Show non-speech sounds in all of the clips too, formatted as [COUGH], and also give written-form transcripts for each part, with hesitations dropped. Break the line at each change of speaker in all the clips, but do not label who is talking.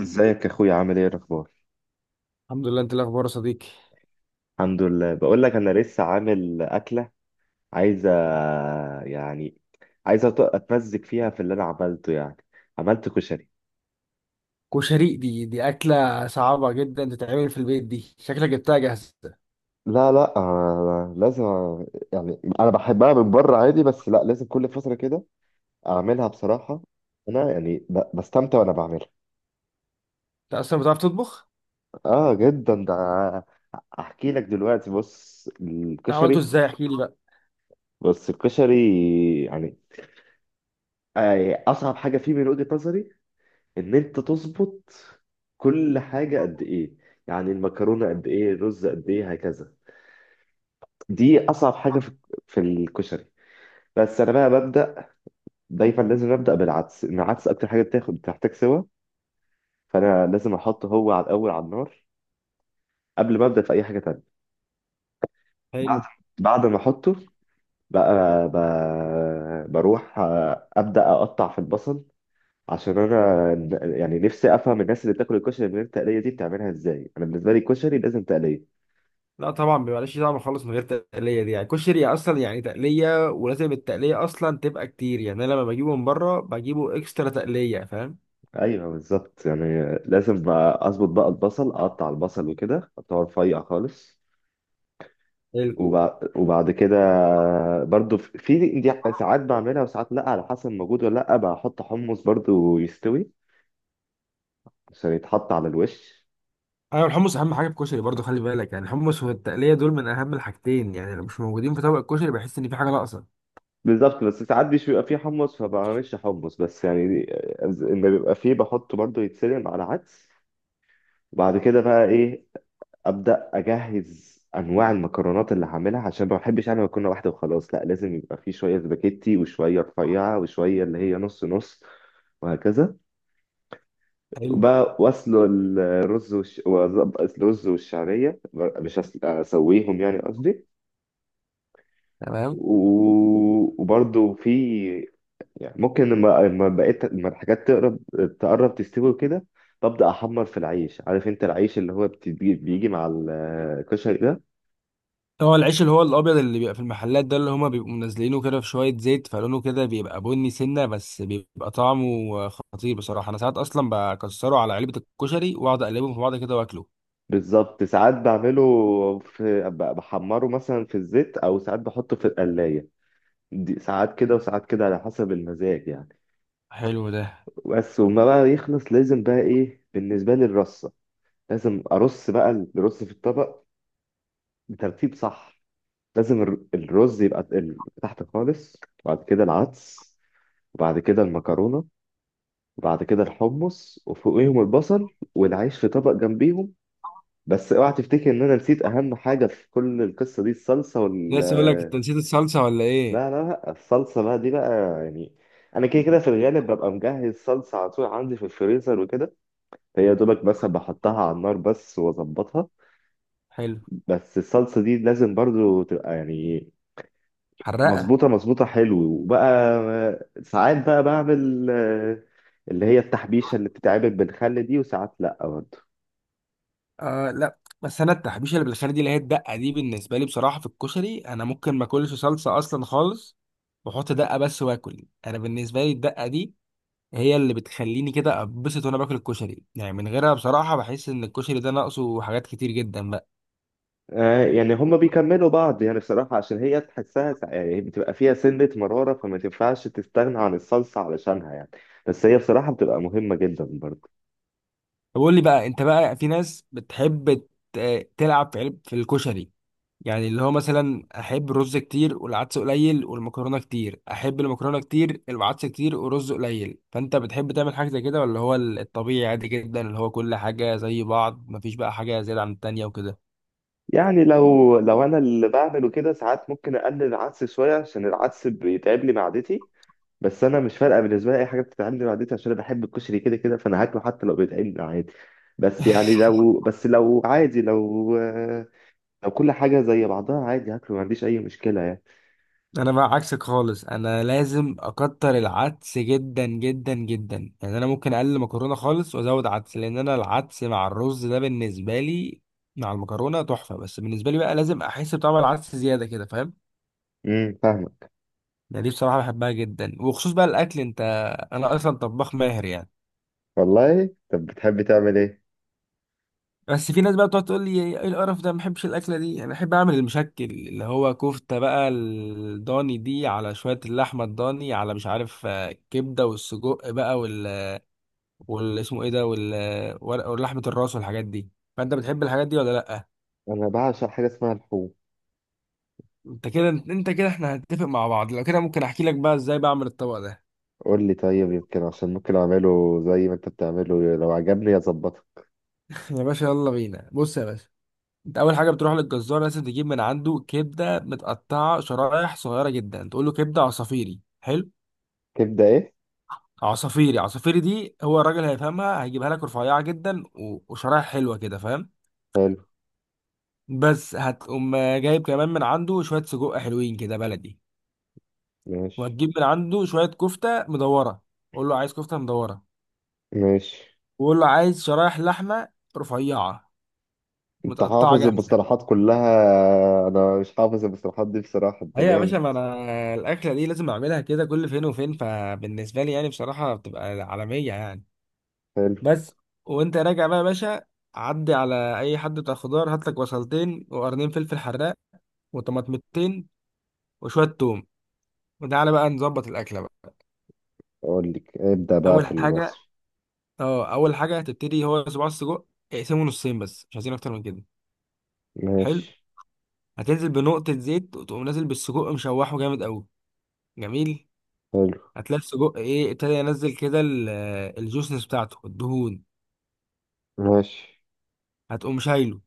ازيك يا اخويا، عامل ايه الاخبار؟
الحمد لله، انت إيه الاخبار يا صديقي؟
الحمد لله، بقول لك انا لسه عامل اكله. عايزه يعني عايزه اتمزج فيها في اللي انا عملته عملت كشري.
كشري دي اكله صعبه جدا تتعمل في البيت. دي شكلك جبتها جاهزه.
لا لا آه، لازم. يعني انا بحبها من بره عادي، بس لا، لازم كل فتره كده اعملها بصراحه. انا بستمتع وانا بعملها.
انت اصلا بتعرف تطبخ؟
اه جدا ده. احكي لك دلوقتي، بص
انت عملته
الكشري.
ازاي؟ احكي لي بقى.
بص الكشري يعني اصعب حاجه فيه من وجهه نظري ان انت تظبط كل حاجه قد ايه. يعني المكرونه قد ايه، الرز قد ايه، هكذا. دي اصعب حاجه في الكشري. بس انا بقى ببدا دايما، لازم ابدا بالعدس، إن العدس اكتر حاجه بتاخد، بتحتاج سوا، فانا لازم احطه هو على الاول على النار قبل ما ابدا في اي حاجه تانية.
حلو.
بعد بعد ما احطه بقى بروح ابدا اقطع في البصل. عشان انا نفسي افهم الناس اللي بتاكل الكشري من غير تقليه دي بتعملها ازاي. انا بالنسبه لي الكشري لازم تقليه.
لا طبعا بيبقاش طعم خالص من غير تقليه، دي يعني كشري اصلا يعني تقليه، ولازم التقليه اصلا تبقى كتير. يعني انا لما بجيبه من بره بجيبه اكسترا تقليه، فاهم؟
ايوه بالظبط، يعني لازم بقى اظبط بقى البصل، اقطع البصل وكده اقطعه رفيع خالص.
حلو.
وبعد كده برضو في دي ساعات بعملها وساعات لا، على حسب موجود ولا لا. بحط حمص برضو يستوي عشان يتحط على الوش.
ايوه، الحمص اهم حاجه في الكشري برضه، خلي بالك يعني الحمص والتقليه دول من اهم الحاجتين. يعني لو مش موجودين في طبق الكشري بحس ان في حاجه ناقصه.
بالظبط، بس ساعات مش بيبقى فيه حمص فبعملش حمص، بس يعني اما بيبقى فيه بحطه برضو يتسلق على عدس. وبعد كده بقى ايه، ابدا اجهز انواع المكرونات اللي هعملها، عشان ما بحبش انا مكرونه واحده وخلاص، لا لازم يبقى في شويه سباكيتي وشويه رفيعه وشويه اللي هي نص نص، وهكذا.
حلو.
وبقى واسلق الرز وأظبط الرز والشعريه، مش اسويهم يعني قصدي.
تمام.
و... وبرده في، يعني ممكن لما بقيت لما الحاجات تقرب تستوي كده ببدا احمر في العيش. عارف انت العيش اللي هو بيجي مع الكشري ده.
هو العيش اللي هو الابيض اللي بيبقى في المحلات ده، اللي هما بيبقوا منزلينه كده في شويه زيت، فلونه كده بيبقى بني سنه، بس بيبقى طعمه خطير بصراحه. انا ساعات اصلا بكسره على علبه الكشري واقعد اقلبهم في بعض كده واكله.
بالظبط، ساعات بعمله في بحمره مثلا في الزيت، او ساعات بحطه في القلايه، دي ساعات كده وساعات كده على حسب المزاج يعني.
حلو ده.
بس وما بقى يخلص لازم بقى ايه، بالنسبه لي الرصه، لازم ارص بقى الرز في الطبق بترتيب صح. لازم الرز يبقى تحت خالص، وبعد كده العدس، وبعد كده المكرونه، وبعد كده الحمص، وفوقيهم البصل، والعيش في طبق جنبيهم. بس اوعى تفتكر ان انا نسيت اهم حاجه في كل القصه دي، الصلصه
لسه اقول لك انت
وال...
نسيت الصلصه ولا ايه؟
لا لا لا الصلصة بقى دي بقى، يعني أنا كده كده في الغالب ببقى مجهز صلصة على طول عندي في الفريزر وكده، هي دوبك بس بحطها على النار بس وأظبطها.
حلو.
بس الصلصة دي لازم برضو تبقى يعني
حرقه.
مظبوطة مظبوطة. حلو. وبقى ساعات بقى بعمل اللي هي التحبيشة اللي بتتعمل بالخل دي، وساعات لأ برضو.
آه، لا، بس انا التحبيشه اللي بالخير دي، اللي هي الدقه دي، بالنسبه لي بصراحه في الكشري انا ممكن ما اكلش صلصه اصلا خالص واحط دقه بس واكل. انا بالنسبه لي الدقه دي هي اللي بتخليني كده اتبسط وانا باكل الكشري. يعني من غيرها بصراحه بحس ان الكشري ده ناقصه حاجات كتير جدا بقى.
يعني هما بيكملوا بعض يعني، الصراحة عشان هي تحسها يعني بتبقى فيها سنة مرارة، فما تنفعش تستغنى عن الصلصة علشانها يعني. بس هي بصراحة بتبقى مهمة جدا برضه.
طب قول لي بقى، انت بقى في ناس بتحب تلعب في علب في الكشري؟ يعني اللي هو مثلا احب الرز كتير والعدس قليل والمكرونه كتير، احب المكرونه كتير العدس كتير ورز قليل، فانت بتحب تعمل حاجه زي كده ولا هو الطبيعي عادي جدا اللي هو كل حاجه زي بعض، مفيش بقى حاجه زياده عن التانيه وكده؟
يعني لو أنا اللي بعمله كده ساعات ممكن أقلل العدس شوية، عشان العدس بيتعب لي معدتي. بس أنا مش فارقة، بالنسبة لي أي حاجة بتتعب لي معدتي، عشان أنا بحب الكشري كده كده، فأنا هاكله حتى لو بيتعب لي عادي. بس يعني لو عادي، لو لو كل حاجة زي بعضها عادي هاكله، ما عنديش أي مشكلة يعني.
انا بقى عكسك خالص، انا لازم اكتر العدس جدا جدا جدا. يعني انا ممكن اقلل مكرونه خالص وازود عدس، لان انا العدس مع الرز ده بالنسبه لي مع المكرونه تحفه، بس بالنسبه لي بقى لازم احس بطعم العدس زياده كده، فاهم؟
فاهمك.
يعني دي بصراحه بحبها جدا. وخصوص بقى الاكل، انت انا اصلا طباخ ماهر يعني.
والله، طب بتحبي تعمل ايه؟
بس في ناس بقى بتقعد تقول لي ايه القرف ده، ما بحبش الاكله دي. انا احب اعمل المشكل اللي هو كفته بقى الضاني دي على شويه اللحمه الضاني، على مش عارف كبده والسجق بقى، والاسمه ايه ده ولحمه الراس والحاجات دي، فانت بتحب الحاجات دي ولا لا؟
انا بعشق حاجه اسمها الحوم.
انت كده، انت كده احنا هنتفق مع بعض. لو كده ممكن احكي لك بقى ازاي بعمل الطبق ده.
قول لي طيب، يمكن عشان ممكن اعمله زي ما انت بتعمله، لو عجبني اظبطه.
[LAUGHS] يا باشا يلا بينا، بص يا باشا. انت اول حاجه بتروح للجزار، لازم تجيب من عنده كبده متقطعه شرايح صغيره جدا، تقول له كبده عصافيري. حلو.
كبده ايه؟
عصافيري، عصافيري دي هو الراجل هيفهمها، هيجيبها لك رفيعه جدا وشرايح حلوه كده، فاهم؟
حلو.
بس هتقوم جايب كمان من عنده شويه سجق حلوين كده بلدي.
ماشي.
وهتجيب من عنده شوية كفتة مدورة، قول له عايز كفتة مدورة.
ماشي.
وقول له عايز شرايح لحمة رفيعة
انت
متقطعة
حافظ
جاهزة.
المصطلحات كلها؟ انا مش حافظ المصطلحات دي بصراحه، انت
أيوة يا باشا،
جامد.
ما أنا الأكلة دي لازم أعملها كده كل فين وفين، فبالنسبة لي يعني بصراحة بتبقى عالمية يعني.
حلو.
بس وأنت راجع بقى يا باشا، عدي على أي حد بتاع خضار، هات لك بصلتين وقرنين فلفل حراق، وطماطمتين وشوية توم، وتعالى بقى نظبط الأكلة بقى.
اقول لك ابدا بقى
أول
في
حاجة،
المصري.
أه أول حاجة هتبتدي هو صباع السجق، اقسمه نصين بس مش عايزين أكتر من كده. حلو.
ماشي.
هتنزل بنقطة زيت وتقوم نازل بالسجق، مشوحه جامد قوي. جميل.
حلو.
هتلاقي السجق ايه ابتدى ينزل كده الجوسنس بتاعته، الدهون.
ماشي.
هتقوم شايله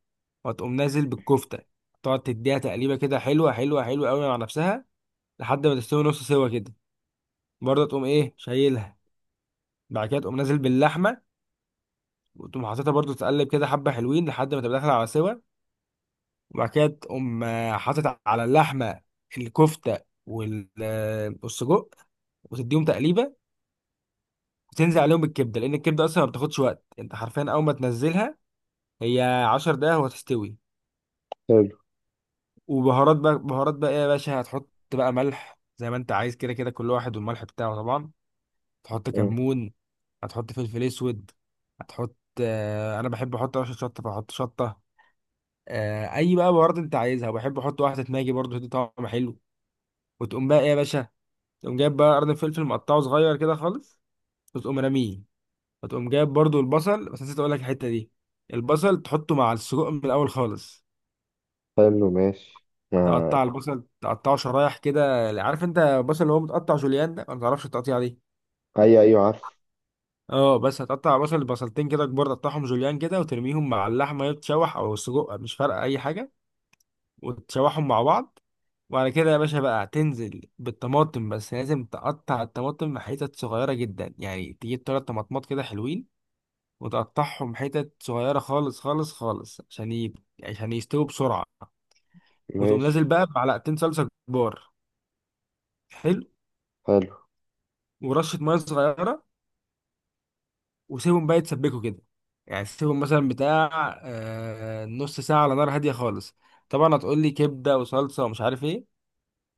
وهتقوم نازل بالكفتة، تقعد تديها تقليبة كده حلوة حلوة حلوة قوي مع نفسها لحد ما تستوي نص سوا كده. برضه تقوم ايه شايلها. بعد كده تقوم نازل باللحمة، وتقوم حاططها برضه تقلب كده حبة حلوين لحد ما تبقى داخلة على سوا. وبعد كده تقوم حاطط على اللحمة الكفتة وال- آه، والسجق، وتديهم تقليبة. بتنزل عليهم الكبده، لان الكبده اصلا ما بتاخدش وقت. انت حرفيا اول ما تنزلها هي 10 دقايق وهتستوي.
حلو.
وبهارات بقى، بهارات بقى ايه يا باشا هتحط؟ بقى ملح زي ما انت عايز، كده كده كل واحد والملح بتاعه طبعا. تحط
مم.
كمون، هتحط فلفل اسود، هتحط، آه انا بحب احط رشه شطه فاحط شطه، آه اي بقى بهارات انت عايزها. وبحب احط واحده ماجي برضه، تدي طعم حلو. وتقوم بقى ايه يا باشا؟ تقوم جايب بقى قرن فلفل مقطعه صغير كده خالص، وتقوم راميه. فتقوم جايب برضو البصل، بس نسيت اقول لك الحته دي، البصل تحطه مع السجق من الاول خالص.
حلو. ماشي. ما...
تقطع البصل تقطعه شرايح كده، عارف انت البصل اللي هو متقطع جوليان ده؟ ما تعرفش التقطيع دي؟
ايوه ايوه عارف.
اه، بس هتقطع بصل بصلتين كده كبار، تقطعهم جوليان كده وترميهم مع اللحمه اللي بتتشوح او السجق، مش فارقه اي حاجه، وتشوحهم مع بعض. وبعد كده يا باشا بقى هتنزل بالطماطم، بس لازم تقطع الطماطم حتت صغيره جدا. يعني تجيب تلات طماطمات كده حلوين وتقطعهم حتت صغيرة خالص خالص خالص عشان عشان يستووا بسرعة. وتقوم نازل
ماشي.
بقى بمعلقتين صلصة كبار. حلو.
حلو.
ورشة مية صغيرة. وسيبهم بقى يتسبكوا كده، يعني سيبهم مثلا بتاع نص ساعة على نار هادية خالص. طبعا هتقول لي كبدة وصلصة ومش عارف ايه.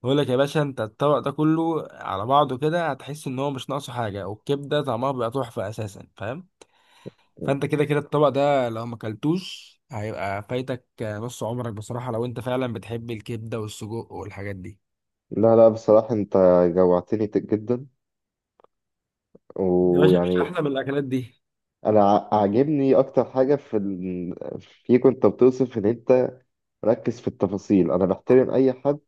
بقول لك يا باشا انت الطبق ده كله على بعضه كده هتحس ان هو مش ناقصه حاجة، والكبدة طعمها بيبقى تحفة اساسا، فاهم؟ فانت كده كده الطبق ده لو ما اكلتوش هيبقى فايتك نص عمرك بصراحة، لو انت فعلا بتحب الكبدة والسجق والحاجات دي.
لا لا، بصراحة انت جوعتني، جدا.
يا باشا مفيش
ويعني
احلى من الاكلات دي.
انا عاجبني اكتر حاجه في فيك انت، بتوصف ان انت ركز في التفاصيل. انا بحترم اي حد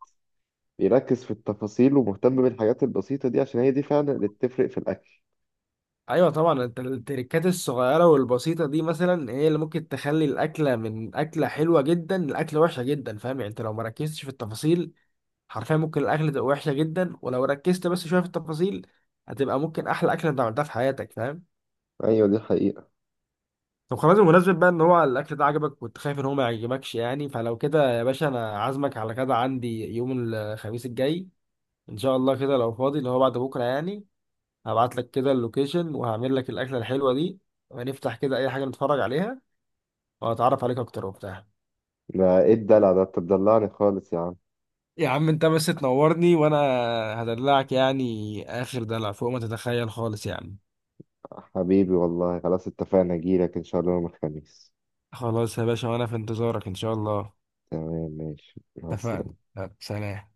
بيركز في التفاصيل ومهتم بالحاجات البسيطه دي، عشان هي دي فعلا اللي بتفرق في الاكل.
ايوه طبعا، انت التركات الصغيرة والبسيطة دي مثلا هي اللي ممكن تخلي الاكلة من اكلة حلوة جدا لاكلة وحشة جدا، فاهم؟ يعني انت لو ما ركزتش في التفاصيل حرفيا ممكن الاكلة تبقى وحشة جدا، ولو ركزت بس شوية في التفاصيل هتبقى ممكن احلى اكلة انت عملتها في حياتك، فاهم؟
ايوه دي حقيقه.
طب خلاص، بمناسبة بقى ان هو الاكل ده عجبك، كنت خايف ان هو ما يعجبكش يعني. فلو كده يا باشا انا عازمك على كده عندي يوم الخميس الجاي ان شاء الله، كده لو فاضي، اللي هو بعد بكرة يعني. هبعت لك كده اللوكيشن وهعمل لك الاكلة الحلوة دي، ونفتح كده اي حاجة نتفرج عليها، وهتعرف عليك اكتر وبتاع.
ده ايه الدلع ده، انت بتدلعني خالص يا عم.
يا عم انت بس تنورني وانا هدلعك يعني اخر دلع فوق ما تتخيل خالص يعني.
حبيبي والله، خلاص اتفقنا، اجيلك ان شاء الله يوم الخميس.
خلاص يا باشا، وانا في انتظارك ان شاء الله.
تمام، ماشي، مع
اتفقنا،
السلامه.
يلا، سلام.